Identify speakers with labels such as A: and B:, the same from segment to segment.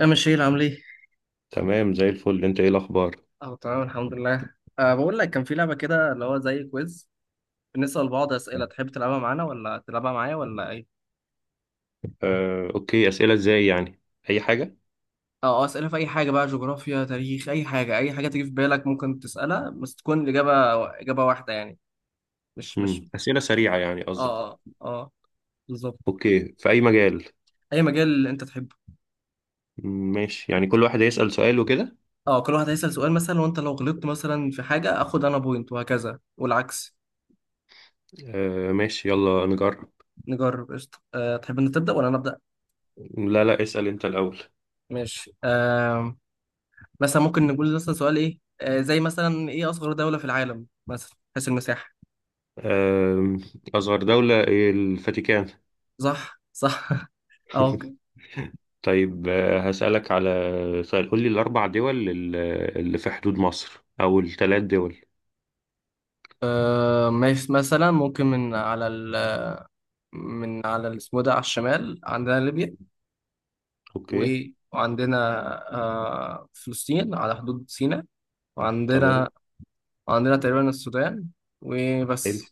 A: يا مشيل عامل ايه؟
B: تمام زي الفل. انت ايه الاخبار؟
A: اه، تمام الحمد لله. بقول لك كان في لعبة كده اللي هو زي كويز، بنسأل بعض أسئلة. تحب تلعبها معانا ولا تلعبها معايا ولا ايه؟
B: اوكي، اسئله ازاي يعني؟ اي حاجه.
A: اه، أسئلة في أي حاجة، بقى جغرافيا تاريخ أي حاجة، أي حاجة تيجي في بالك ممكن تسألها بس تكون الإجابة إجابة واحدة يعني. مش مش
B: اسئله سريعه يعني قصدك؟
A: اه اه اه، بالظبط.
B: اوكي، في اي مجال؟
A: أي مجال اللي أنت تحبه.
B: ماشي، يعني كل واحد هيسال سؤال وكده.
A: اه، كل واحد هيسأل سؤال مثلا، وأنت لو غلطت مثلا في حاجة آخد أنا بوينت وهكذا والعكس.
B: ماشي يلا نجرب.
A: نجرب قشطة. تحب أن تبدأ ولا أنا أبدأ؟
B: لا لا، اسال انت الاول.
A: ماشي. مثلا ممكن نقول مثلا سؤال ايه، زي مثلا ايه اصغر دولة في العالم مثلا حيث المساحة.
B: آم، اصغر دوله إيه؟ الفاتيكان.
A: صح صح. اه، ممكن.
B: طيب، هسالك على سؤال. قول لي الاربع دول اللي في حدود مصر، او الثلاث دول.
A: ماشي. مثلا ممكن من على اسمه ده على الشمال عندنا ليبيا.
B: اوكي.
A: وعندنا فلسطين على حدود سيناء. وعندنا
B: تمام.
A: تقريبا السودان وبس،
B: حلو.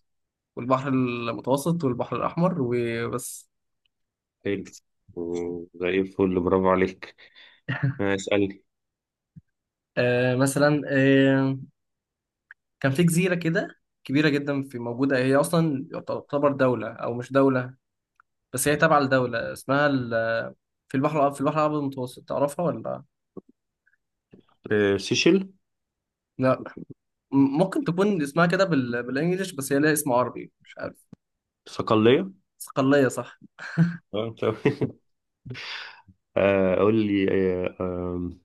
A: والبحر المتوسط والبحر الأحمر وبس.
B: حلو. زي الفل، برافو عليك. اسال.
A: آه مثلا آه، كان في جزيرة كده كبيرة جدا، في موجودة، هي أصلا تعتبر دولة أو مش دولة، بس هي تابعة لدولة اسمها في في البحر الأبيض المتوسط، تعرفها ولا؟
B: سيشل.
A: لا. ممكن تكون اسمها كده بالإنجليش، بس هي لها اسم عربي، مش عارف.
B: صقلية.
A: صقلية، صح.
B: تمام. قول لي. آه، آم،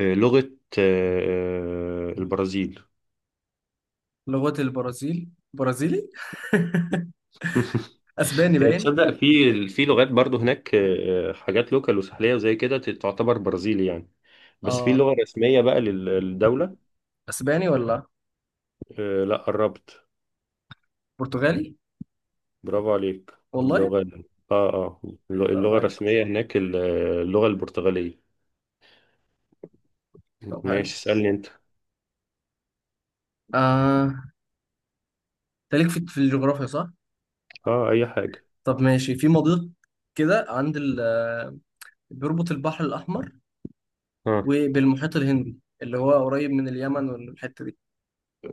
B: آه، لغة البرازيل.
A: لغة البرازيل برازيلي. أسباني
B: هي
A: باين.
B: تصدق، في لغات برضو هناك، حاجات لوكال وساحلية وزي كده، تعتبر برازيلي يعني. بس في
A: آه
B: لغة رسمية بقى للدولة.
A: أسباني ولا
B: لا، قربت.
A: برتغالي؟
B: برافو عليك
A: والله.
B: اللغة. اه اه.
A: طب
B: اللغة
A: حلو
B: الرسمية هناك اللغة البرتغالية.
A: طب حلو.
B: ماشي اسألني انت.
A: آه أنت ليك في الجغرافيا صح؟
B: اه اي حاجة.
A: طب ماشي. في مضيق كده عند بيربط البحر الأحمر
B: اه
A: وبالمحيط الهندي اللي هو قريب من اليمن والحتة دي.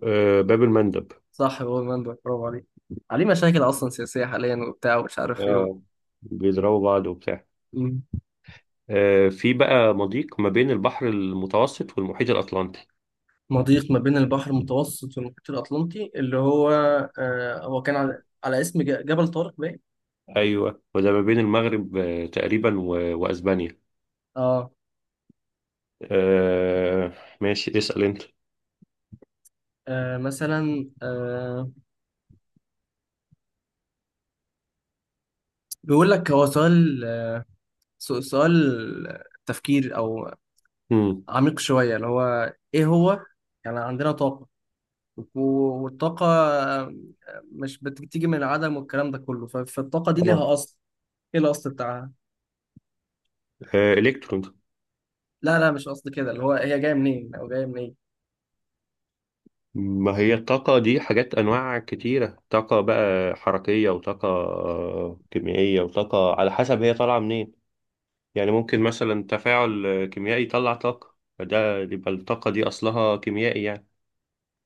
B: باب المندب.
A: صح، هو المنبع، برافو عليك. عليه مشاكل أصلا سياسية حاليا وبتاع ومش عارف إيه.
B: آه، بيضربوا بعض وبتاع.
A: مم.
B: في بقى مضيق ما بين البحر المتوسط والمحيط الأطلنطي.
A: مضيق ما بين البحر المتوسط والمحيط الأطلنطي اللي هو، هو كان على اسم جبل طارق باين.
B: أيوه، وده ما بين المغرب تقريبا و... وأسبانيا.
A: آه,
B: آه، ماشي اسأل أنت.
A: آه مثلا آه بيقول لك هو سؤال، سؤال تفكير أو
B: مم.
A: عميق شوية، اللي هو إيه هو يعني، عندنا طاقة والطاقة مش بتيجي من العدم والكلام ده كله. فالطاقة دي
B: اه
A: ليها أصل. إيه الأصل بتاعها؟
B: الكترون.
A: لا لا، مش قصد كده. اللي هو هي جاية منين أو جاية منين؟
B: ما هي الطاقة دي حاجات أنواع كتيرة: طاقة بقى حركية، وطاقة كيميائية، وطاقة على حسب هي طالعة منين. يعني ممكن مثلا تفاعل كيميائي يطلع طاقة، فده يبقى الطاقة دي أصلها كيميائي يعني.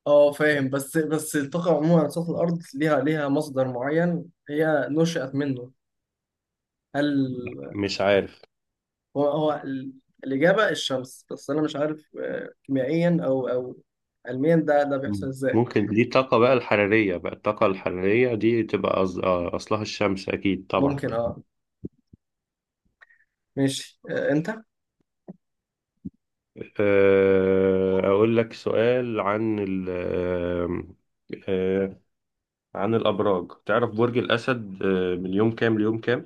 A: فاهم. بس الطاقة عموما على سطح الأرض ليها مصدر معين هي نشأت منه. هل
B: مش عارف.
A: هو هو الإجابة الشمس، بس أنا مش عارف كيميائيا أو علميا ده بيحصل
B: مم.
A: إزاي.
B: ممكن دي الطاقة بقى الحرارية، بقى الطاقة الحرارية دي تبقى أصلها الشمس أكيد طبعا.
A: ممكن. أه ماشي آه، أنت.
B: أقول لك سؤال آه، عن الأبراج. تعرف برج الأسد من يوم كام ليوم كام؟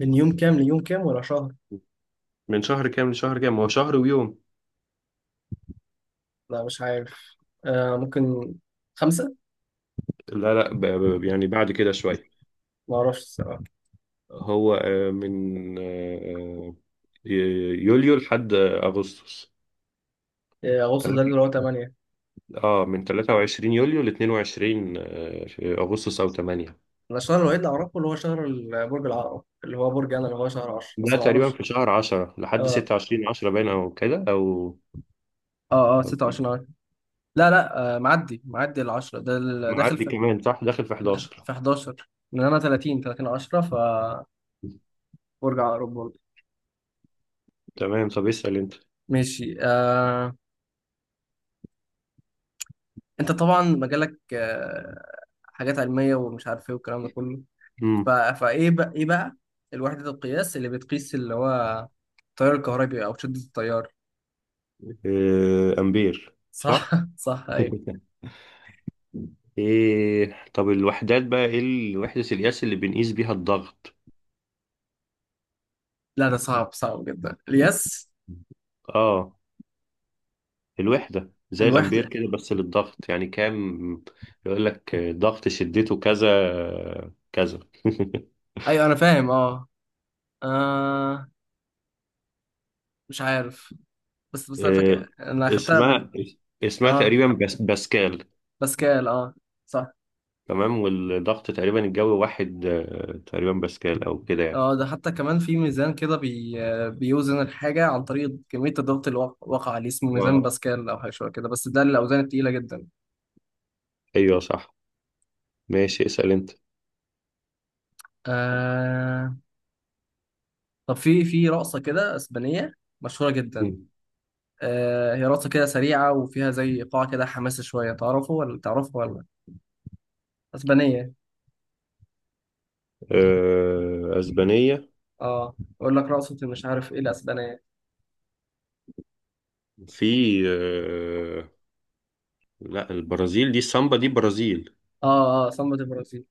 A: من يوم كام ليوم كام ولا شهر؟
B: من شهر كام لشهر كام؟ هو شهر ويوم.
A: لا مش عارف. ممكن خمسة.
B: لا لا، يعني بعد كده شوية.
A: ما اعرفش الصراحه.
B: هو من يوليو لحد أغسطس.
A: إيه، اغسطس ده اللي هو 8.
B: اه، من 23 يوليو ل 22 في اغسطس او 8.
A: انا الشهر الوحيد اللي اعرفه اللي هو شهر برج العقرب، اللي هو برج انا اللي هو شهر 10، بس
B: ده
A: ما
B: تقريبا
A: اعرفش.
B: في شهر 10 لحد
A: اه
B: 26 10 باين او كده او
A: اه اه،
B: أو كده.
A: 26 عارف. لا لا، معدي ال 10 ده داخل
B: معدي
A: في
B: كمان صح، داخل في 11.
A: 11. لان انا 30 10 فبرج عقرب برضه.
B: تمام، طب اسال انت.
A: ماشي. انت طبعا مجالك حاجات علميه، ومش عارف ايه والكلام ده كله.
B: امم.
A: فايه بقى ايه بقى الوحده القياس اللي بتقيس اللي هو التيار الكهربي او شده التيار.
B: امبير
A: صح.
B: صح.
A: صح ايوه.
B: ايه طب الوحدات بقى، ايه وحدة القياس اللي بنقيس بيها الضغط؟
A: لا ده صعب صعب جدا اليس.
B: اه، الوحدة زي
A: الوحدة.
B: الامبير كده، بس للضغط يعني كام؟ يقول لك ضغط شدته كذا كذا.
A: ايوه انا فاهم. اه آه مش عارف. بس انا
B: آه،
A: فاكر انا اخدتها قبل
B: اسمها
A: كده.
B: اسمها
A: اه،
B: تقريبا بس باسكال.
A: باسكال، اه، صح.
B: تمام، والضغط تقريبا الجوي واحد، تقريبا باسكال او كده يعني.
A: اه، ده حتى كمان في ميزان كده بيوزن الحاجة عن طريق كمية الضغط اللي وقع عليه، اسمه ميزان
B: آه،
A: باسكال أو حاجة شوية كده، بس ده للأوزان التقيلة جدا.
B: ايوه صح. ماشي اسأل انت.
A: آه... طب في رقصة كده أسبانية مشهورة جدا.
B: مم.
A: هي رقصة كده سريعة وفيها زي إيقاع كده حماسي شوية، تعرفه ولا تعرفه ولا؟ أسبانية.
B: اسبانية.
A: اه، اقول لك رقصة، مش عارف ايه الاسبانية.
B: في. آه، لا، البرازيل دي السامبا دي برازيل.
A: اه اه، سامبا دي برازيل.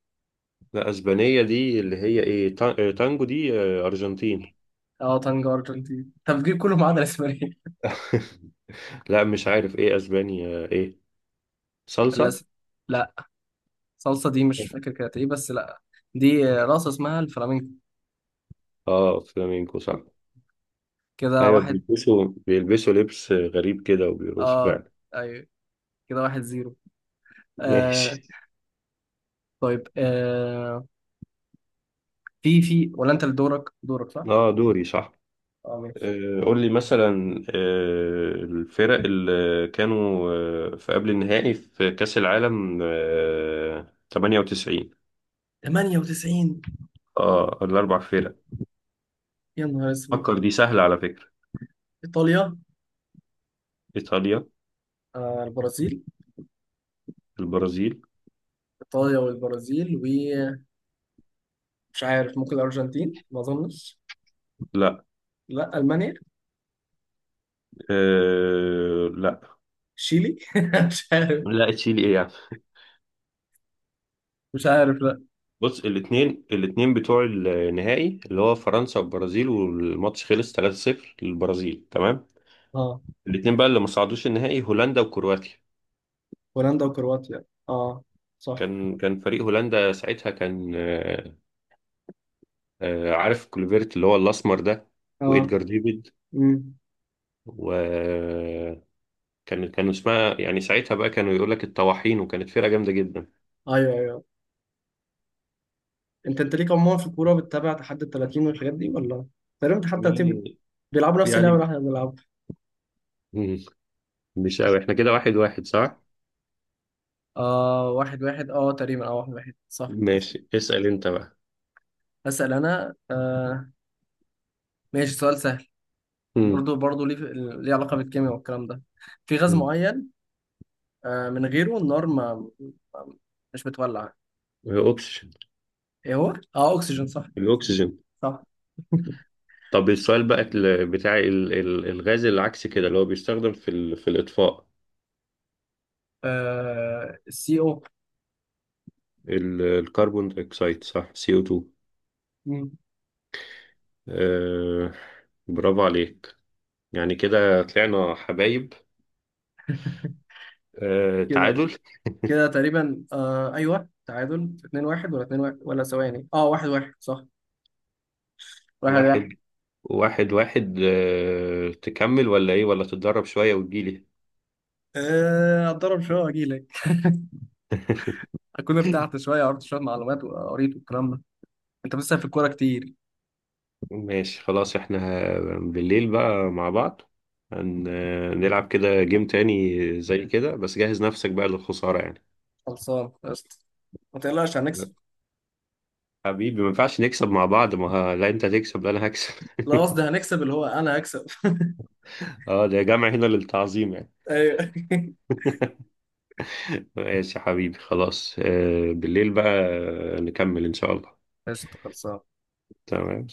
B: لا، اسبانية دي اللي هي ايه تانجو دي ارجنتين.
A: اه، تانجو ارجنتين. طب جيب كله ما عدا الاسبانية.
B: لا مش عارف ايه اسبانيا ايه. صلصة.
A: للاسف. لا، صلصة دي مش فاكر كانت ايه، بس لا، دي رقصة اسمها الفلامينكو.
B: اه فلامينكو صح.
A: كده
B: ايوه،
A: واحد.
B: بيلبسوا لبس غريب كده وبيرقصوا
A: اه
B: فعلا.
A: ايوه، كده واحد زيرو. آه
B: ماشي.
A: طيب. في في ولا انت اللي دورك صح؟
B: اه دوري صح.
A: اه ماشي.
B: قول لي مثلا الفرق اللي كانوا في قبل النهائي في كأس العالم 98.
A: 98.
B: اه الاربع فرق.
A: يا نهار اسود.
B: فكر، دي سهلة على فكرة.
A: ايطاليا.
B: ايطاليا.
A: البرازيل.
B: البرازيل.
A: ايطاليا والبرازيل، ومش عارف، ممكن الارجنتين، ما اظنش.
B: لا.
A: لا، المانيا.
B: آه لا.
A: شيلي. مش عارف.
B: لا تشيلي ايه يعني.
A: مش عارف لا.
B: بص، الاثنين بتوع النهائي اللي هو فرنسا والبرازيل، والماتش خلص 3-0 للبرازيل، تمام.
A: اه،
B: الاتنين بقى اللي ما صعدوش النهائي هولندا وكرواتيا.
A: هولندا وكرواتيا. اه صح.
B: كان فريق هولندا ساعتها كان، عارف كلوفيرت اللي هو الاسمر ده،
A: اه.
B: وإدجار ديفيد.
A: امم.
B: وكان كانوا اسمها يعني ساعتها بقى كانوا يقول لك الطواحين، وكانت فرقة جامدة جدا.
A: ايوه ايوه. انت ليك عموما في الكوره، بتتابع تحدي ال 30 والحاجات دي ولا؟ تقريبا تحدي 30.
B: يعني.
A: بيلعبوا نفس اللعبه اللي
B: يعني.
A: احنا بنلعبها.
B: مم. مش قوي، احنا كده واحد واحد صح؟
A: واحد واحد، اه تقريبا، اه واحد واحد، صح.
B: ماشي اسأل انت بقى.
A: هسأل انا. ماشي. سؤال سهل.
B: مم.
A: برضو ليه علاقة بالكيمياء والكلام ده. في غاز
B: مم.
A: معين، من غيره النار ما- مش بتولع.
B: الاكسجين.
A: ايه هو؟ اه، اكسجين صح.
B: الاكسجين.
A: صح.
B: طب السؤال بقى الغاز العكسي كده اللي هو بيستخدم في الاطفاء.
A: سي O.
B: الكربون دايوكسيد صح CO2.
A: مم.
B: آه برافو عليك. يعني كده طلعنا حبايب. آه
A: كده
B: تعادل
A: كده تقريبا، ايوه تعادل 2 1، ولا 2 1، ولا ثواني، اه 1 1 صح، 1 1.
B: واحد واحد. واحد. آه تكمل ولا ايه، ولا تتدرب شوية وتجيلي؟
A: اتضرب شويه واجي لك. اكون ارتحت شويه، عرفت شويه معلومات وقريت والكلام ده. انت بتسأل في الكوره كتير.
B: ماشي خلاص، احنا بالليل بقى مع بعض هن- هنلعب كده جيم تاني زي كده، بس جهز نفسك بقى للخسارة يعني.
A: خلصان قشطه، ما تقلقش هنكسب.
B: حبيبي ما ينفعش نكسب مع بعض، ما ه- لا انت تكسب، لا انا هكسب.
A: لا قصدي هنكسب اللي هو انا هكسب.
B: اه ده يا جماعة هنا للتعظيم يعني.
A: ايوه.
B: ماشي يا حبيبي خلاص، بالليل بقى نكمل إن شاء الله.
A: قشطه خلصان.
B: تمام.